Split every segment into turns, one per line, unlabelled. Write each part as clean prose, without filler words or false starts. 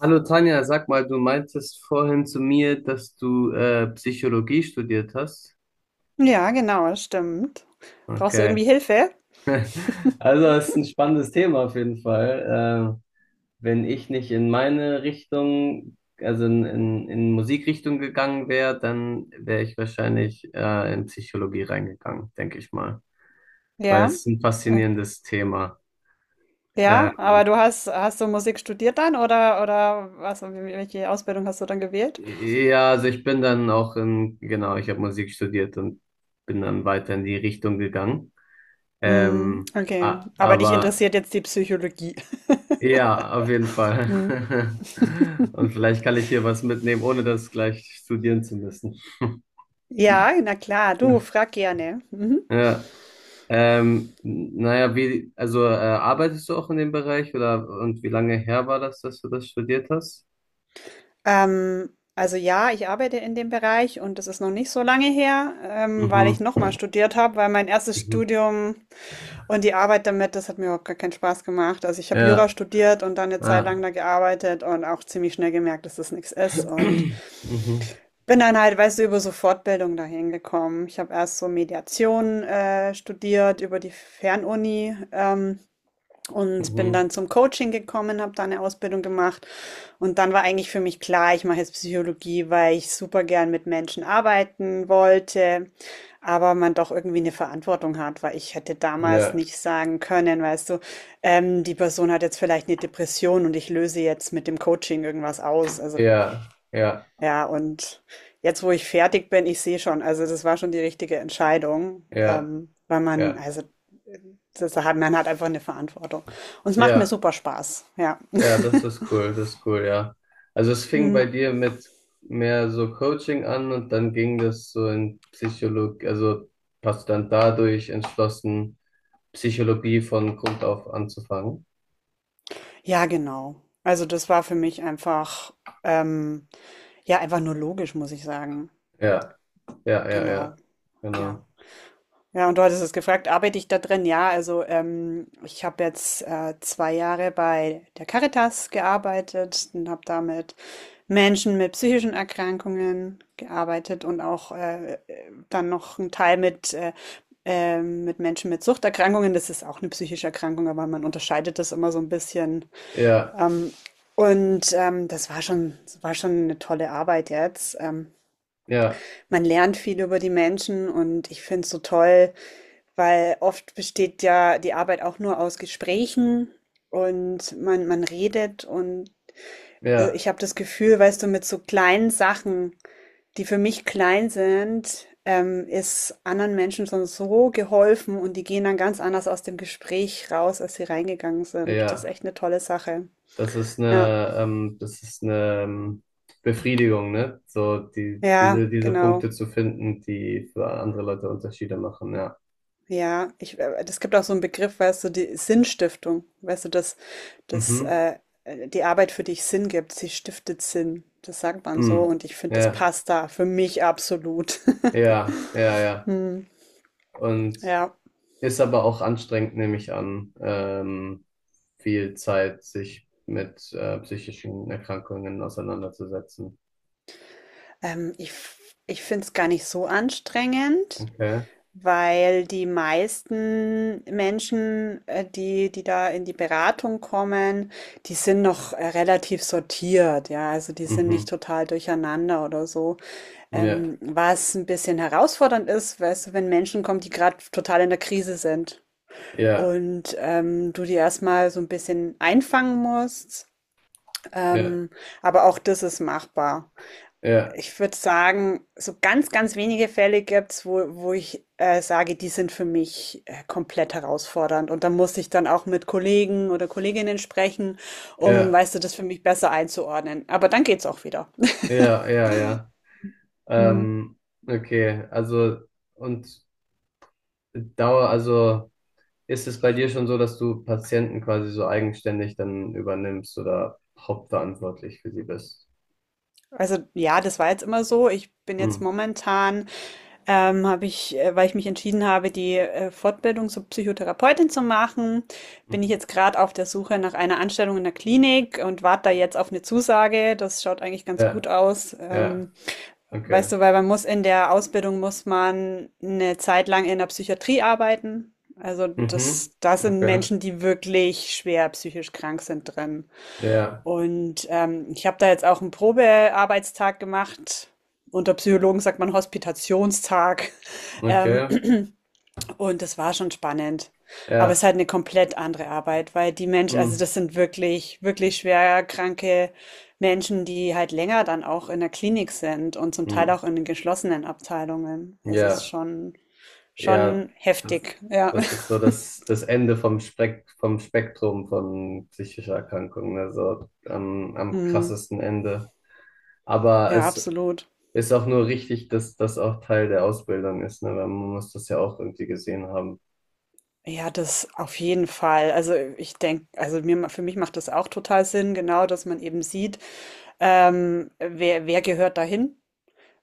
Hallo Tanja, sag mal, du meintest vorhin zu mir, dass du Psychologie studiert hast.
Ja, genau, das stimmt. Brauchst du
Okay.
irgendwie Hilfe?
Also, das ist ein spannendes Thema auf jeden Fall. Wenn ich nicht in meine Richtung, also in Musikrichtung gegangen wäre, dann wäre ich wahrscheinlich in Psychologie reingegangen, denke ich mal. Weil
Ja.
es ist ein
Äh,
faszinierendes Thema. Äh,
Ja, aber du hast du Musik studiert dann oder was, welche Ausbildung hast du dann gewählt?
ja, also ich bin dann auch in, genau, ich habe Musik studiert und bin dann weiter in die Richtung gegangen.
Hm,
Ähm,
okay.
a-
Aber dich
aber
interessiert jetzt die Psychologie.
ja, auf jeden Fall.
Hm.
Und vielleicht kann ich hier was mitnehmen, ohne das gleich studieren zu müssen.
Ja, na klar, du frag gerne. Mhm.
Ja. Naja, wie, also arbeitest du auch in dem Bereich oder und wie lange her war das, dass du das studiert hast?
Ähm, also ja, ich arbeite in dem Bereich und das ist noch nicht so lange her, weil
Mhm.
ich nochmal studiert habe, weil mein erstes
Mhm.
Studium und die Arbeit damit, das hat mir überhaupt gar keinen Spaß gemacht. Also ich habe Jura
Ja,
studiert und dann eine Zeit lang
ja.
da gearbeitet und auch ziemlich schnell gemerkt, dass das nichts ist und
Mhm.
bin dann halt, weißt du, über so Fortbildung dahin gekommen. Ich habe erst so Mediation studiert über die Fernuni. Und bin
Mhm.
dann zum Coaching gekommen, habe da eine Ausbildung gemacht. Und dann war eigentlich für mich klar, ich mache jetzt Psychologie, weil ich super gern mit Menschen arbeiten wollte, aber man doch irgendwie eine Verantwortung hat, weil ich hätte damals
Ja,
nicht sagen können, weißt du, die Person hat jetzt vielleicht eine Depression und ich löse jetzt mit dem Coaching irgendwas aus. Also
ja, ja,
ja, und jetzt, wo ich fertig bin, ich sehe schon, also das war schon die richtige Entscheidung,
ja,
weil man,
ja,
also das hat, man hat einfach eine Verantwortung. Und es macht mir
ja.
super Spaß. Ja.
Ja, das ist cool, ja. Also es fing
Hm.
bei dir mit mehr so Coaching an und dann ging das so in Psychologie, also hast du dann dadurch entschlossen, Psychologie von Grund auf anzufangen.
Ja, genau. Also das war für mich einfach, ähm, ja, einfach nur logisch, muss ich sagen.
Ja, ja, ja,
Genau.
ja,
Ja.
genau.
Ja, und du hattest es gefragt, arbeite ich da drin? Ja, also ich habe jetzt 2 Jahre bei der Caritas gearbeitet und habe da mit Menschen mit psychischen Erkrankungen gearbeitet und auch dann noch einen Teil mit Menschen mit Suchterkrankungen. Das ist auch eine psychische Erkrankung, aber man unterscheidet das immer so ein bisschen.
Ja,
Und das war schon eine tolle Arbeit jetzt.
ja,
Man lernt viel über die Menschen und ich finde es so toll, weil oft besteht ja die Arbeit auch nur aus Gesprächen und man redet und
ja,
ich habe das Gefühl, weißt du, mit so kleinen Sachen, die für mich klein sind, ist anderen Menschen schon so geholfen und die gehen dann ganz anders aus dem Gespräch raus, als sie reingegangen sind. Das ist
ja.
echt eine tolle Sache.
Das ist
Ja,
eine, ähm, das ist eine ähm, Befriedigung, ne? So die,
ja,
diese, diese
genau.
Punkte zu finden, die für andere Leute Unterschiede machen, ja.
Ja, das gibt auch so einen Begriff, weißt du, die Sinnstiftung, weißt du, dass
Mhm.
die Arbeit für dich Sinn gibt, sie stiftet Sinn. Das sagt man so
Mhm.
und ich finde, das
Ja.
passt da für mich absolut.
Ja, ja, ja.
Hm,
Und
ja,
ist aber auch anstrengend, nehme ich an, viel Zeit sich mit psychischen Erkrankungen auseinanderzusetzen.
ähm, ich, ich finde es gar nicht so anstrengend.
Okay.
Weil die meisten Menschen, die da in die Beratung kommen, die sind noch relativ sortiert, ja, also die sind nicht
Mhm.
total durcheinander oder so.
Ja,
Was ein bisschen herausfordernd ist, weißt du, wenn Menschen kommen, die gerade total in der Krise sind,
ja,
und du die erstmal so ein bisschen einfangen musst.
ja,
Ähm, aber auch das ist machbar.
ja,
Ich würde sagen, so ganz, ganz wenige Fälle gibt's, wo ich sage, die sind für mich komplett herausfordernd. Und da muss ich dann auch mit Kollegen oder Kolleginnen sprechen, um,
ja,
weißt du, das für mich besser einzuordnen. Aber dann geht's auch wieder.
ja, ja, ja. Ähm, okay, also und Dauer, also ist es bei dir schon so, dass du Patienten quasi so eigenständig dann übernimmst oder hauptverantwortlich für sie bist?
Also ja, das war jetzt immer so. Ich bin jetzt
Hm.
momentan, habe ich, weil ich mich entschieden habe, die Fortbildung zur Psychotherapeutin zu machen, bin ich
Mhm.
jetzt gerade auf der Suche nach einer Anstellung in der Klinik und warte da
Mhm.
jetzt auf eine Zusage. Das schaut eigentlich ganz gut
Ja,
aus.
ja. Okay.
Weißt du, weil man muss in der Ausbildung muss man eine Zeit lang in der Psychiatrie arbeiten. Also das,
Mhm.
da sind
Okay.
Menschen, die wirklich schwer psychisch krank sind drin.
Ja.
Und ich habe da jetzt auch 'n Probearbeitstag gemacht. Unter Psychologen sagt man Hospitationstag. Ähm,
Okay.
und das war schon spannend. Aber es ist
Ja.
halt eine komplett andere Arbeit, weil die Menschen, also,
Mhm.
das sind wirklich, wirklich schwer kranke Menschen, die halt länger dann auch in der Klinik sind und zum Teil
Mhm.
auch in den geschlossenen Abteilungen. Das ist
Ja.
schon
Ja.
schon
Das,
heftig, ja.
das ist so das Ende vom Spektrum von psychischer Erkrankungen. Also am
Mhm.
krassesten Ende. Aber
Ja,
es
absolut.
ist auch nur richtig, dass das auch Teil der Ausbildung ist, ne? Weil man muss das ja auch irgendwie gesehen haben.
Ja, das auf jeden Fall. Also ich denke, also mir, für mich macht das auch total Sinn, genau, dass man eben sieht, wer gehört dahin?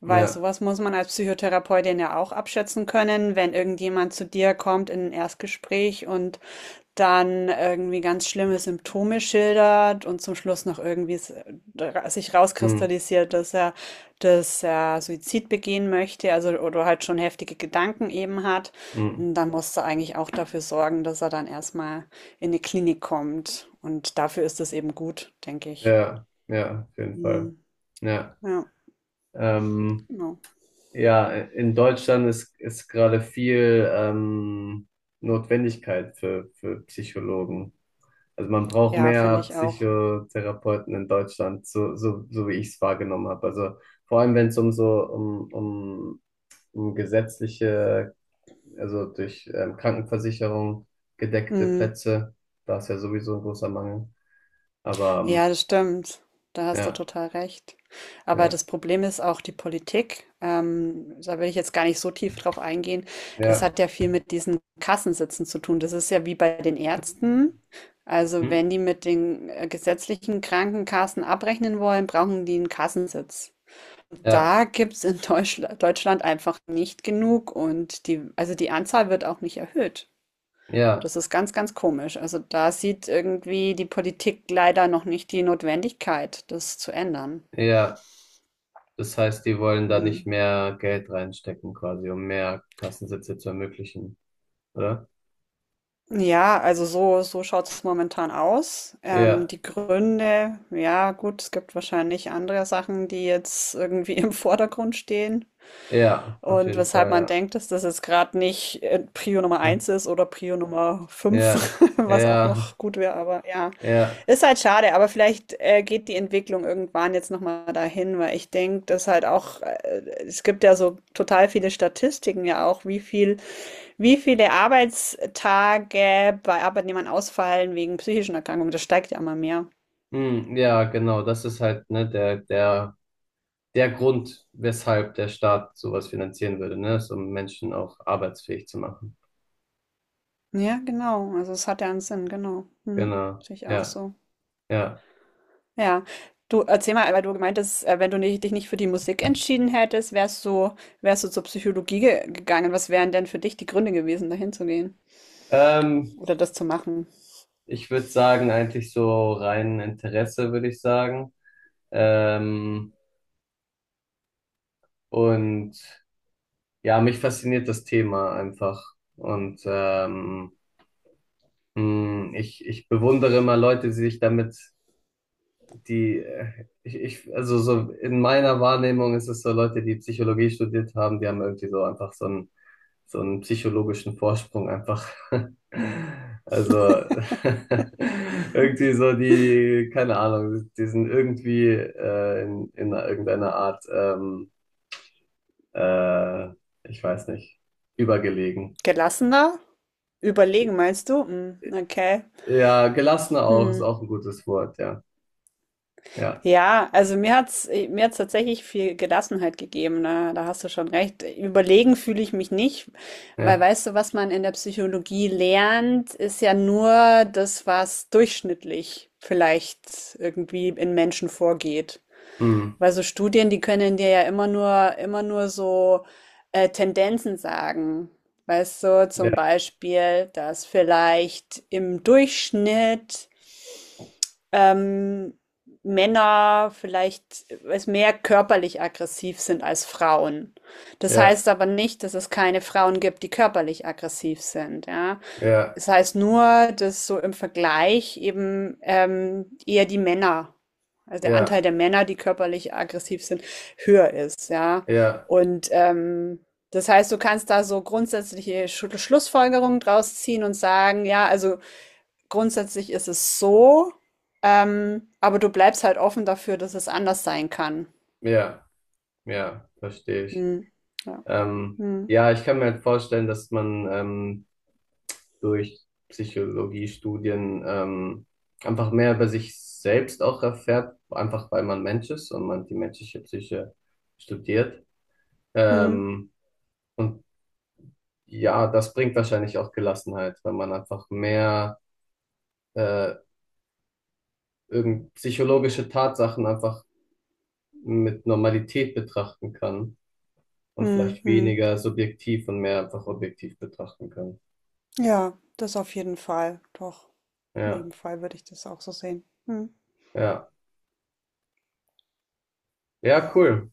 Weil
Ja.
sowas muss man als Psychotherapeutin ja auch abschätzen können, wenn irgendjemand zu dir kommt in ein Erstgespräch und dann irgendwie ganz schlimme Symptome schildert und zum Schluss noch irgendwie sich
Mhm.
rauskristallisiert, dass er Suizid begehen möchte, also oder halt schon heftige Gedanken eben hat.
Mhm.
Und dann musst du eigentlich auch dafür sorgen, dass er dann erstmal in eine Klinik kommt. Und dafür ist es eben gut, denke ich.
Ja. Ja. Auf jeden Fall.
Hm,
Ja.
ja,
Ähm.
genau.
Ja, in Deutschland ist gerade viel Notwendigkeit für Psychologen. Also man braucht
Ja,
mehr
finde ich auch.
Psychotherapeuten in Deutschland, so wie ich es wahrgenommen habe. Also vor allem, wenn es um so um gesetzliche, also durch Krankenversicherung gedeckte
Hm.
Plätze, da ist ja sowieso ein großer Mangel. Aber
Ja, das stimmt. Da hast du
ja,
total recht. Aber
ja,
das Problem ist auch die Politik. Da will ich jetzt gar nicht so tief drauf eingehen. Es
ja.
hat ja viel mit diesen Kassensitzen zu tun. Das ist ja wie bei den Ärzten. Also
Mhm.
wenn die mit den gesetzlichen Krankenkassen abrechnen wollen, brauchen die einen Kassensitz.
Ja,
Da gibt es in Deutschland einfach nicht genug, und die, also die Anzahl wird auch nicht erhöht.
ja,
Das ist ganz, ganz komisch. Also da sieht irgendwie die Politik leider noch nicht die Notwendigkeit, das zu ändern.
ja. Das heißt, die wollen da nicht
Hm.
mehr Geld reinstecken, quasi, um mehr Kassensitze zu ermöglichen, oder?
Ja, also so schaut es momentan aus.
Ja,
Die Gründe, ja gut, es gibt wahrscheinlich andere Sachen, die jetzt irgendwie im Vordergrund stehen.
ja, auf
Und
jeden
weshalb
Fall,
man
ja.
denkt, dass das jetzt gerade nicht Prio Nummer
Hm.
eins ist oder Prio Nummer 5,
Ja,
was auch
ja,
noch gut wäre, aber ja,
ja.
ist halt schade, aber vielleicht geht die Entwicklung irgendwann jetzt nochmal dahin, weil ich denke, dass halt auch, es gibt ja so total viele Statistiken ja auch, wie viele Arbeitstage bei Arbeitnehmern ausfallen wegen psychischen Erkrankungen, das steigt ja immer mehr.
Hm, ja, genau. Das ist halt, ne, der Grund, weshalb der Staat sowas finanzieren würde, ne? Ist, um Menschen auch arbeitsfähig zu machen.
Ja, genau, also es hat ja einen Sinn, genau. Mhm.
Genau.
Sehe ich auch
Ja,
so.
ja.
Ja, du erzähl mal, weil du gemeint hast, wenn du nicht, dich nicht für die Musik entschieden hättest, wärst du zur Psychologie ge gegangen. Was wären denn für dich die Gründe gewesen, dahin zu gehen
Ähm,
oder das zu machen?
ich würde sagen, eigentlich so rein Interesse, würde ich sagen. Ähm, und ja, mich fasziniert das Thema einfach. Und ich bewundere immer Leute, die sich damit, also so in meiner Wahrnehmung ist es so Leute, die Psychologie studiert haben, die haben irgendwie so einfach so einen psychologischen Vorsprung einfach. Also irgendwie so die, keine Ahnung, die sind irgendwie in irgendeiner Art, äh, ich weiß nicht, übergelegen.
Gelassener? Überlegen, meinst du? Hm, okay.
Ja, gelassen auch ist
Hm.
auch ein gutes Wort, ja. Ja,
Ja, also mir hat's tatsächlich viel Gelassenheit gegeben, ne? Da hast du schon recht. Überlegen fühle ich mich nicht, weil,
ja,
weißt du, was man in der Psychologie lernt, ist ja nur das, was durchschnittlich vielleicht irgendwie in Menschen vorgeht.
mm,
Weil so Studien, die können dir ja immer nur, so Tendenzen sagen. Weißt du, zum
ja,
Beispiel, dass vielleicht im Durchschnitt ähm, Männer vielleicht es mehr körperlich aggressiv sind als Frauen. Das
ja,
heißt aber nicht, dass es keine Frauen gibt, die körperlich aggressiv sind. Ja,
ja,
es heißt nur, dass so im Vergleich eben eher die Männer, also der Anteil
ja,
der Männer, die körperlich aggressiv sind, höher ist. Ja,
ja,
und das heißt, du kannst da so grundsätzliche Schlussfolgerungen draus ziehen und sagen, ja, also grundsätzlich ist es so, aber du bleibst halt offen dafür, dass es anders sein kann.
ja, ja, verstehe ich.
Hm. Ja.
Ähm,
Hm.
ja, ich kann mir halt vorstellen, dass man durch Psychologiestudien einfach mehr über sich selbst auch erfährt, einfach weil man Mensch ist und man die menschliche Psyche studiert.
Hm.
Ähm, und ja, das bringt wahrscheinlich auch Gelassenheit, weil man einfach mehr äh, irgend psychologische Tatsachen einfach mit Normalität betrachten kann und
Hm.
vielleicht
Hm.
weniger subjektiv und mehr einfach objektiv betrachten kann.
Ja, das auf jeden Fall. Doch, in
Ja,
jedem Fall würde ich das auch so sehen. Hm.
ja. Ja, cool.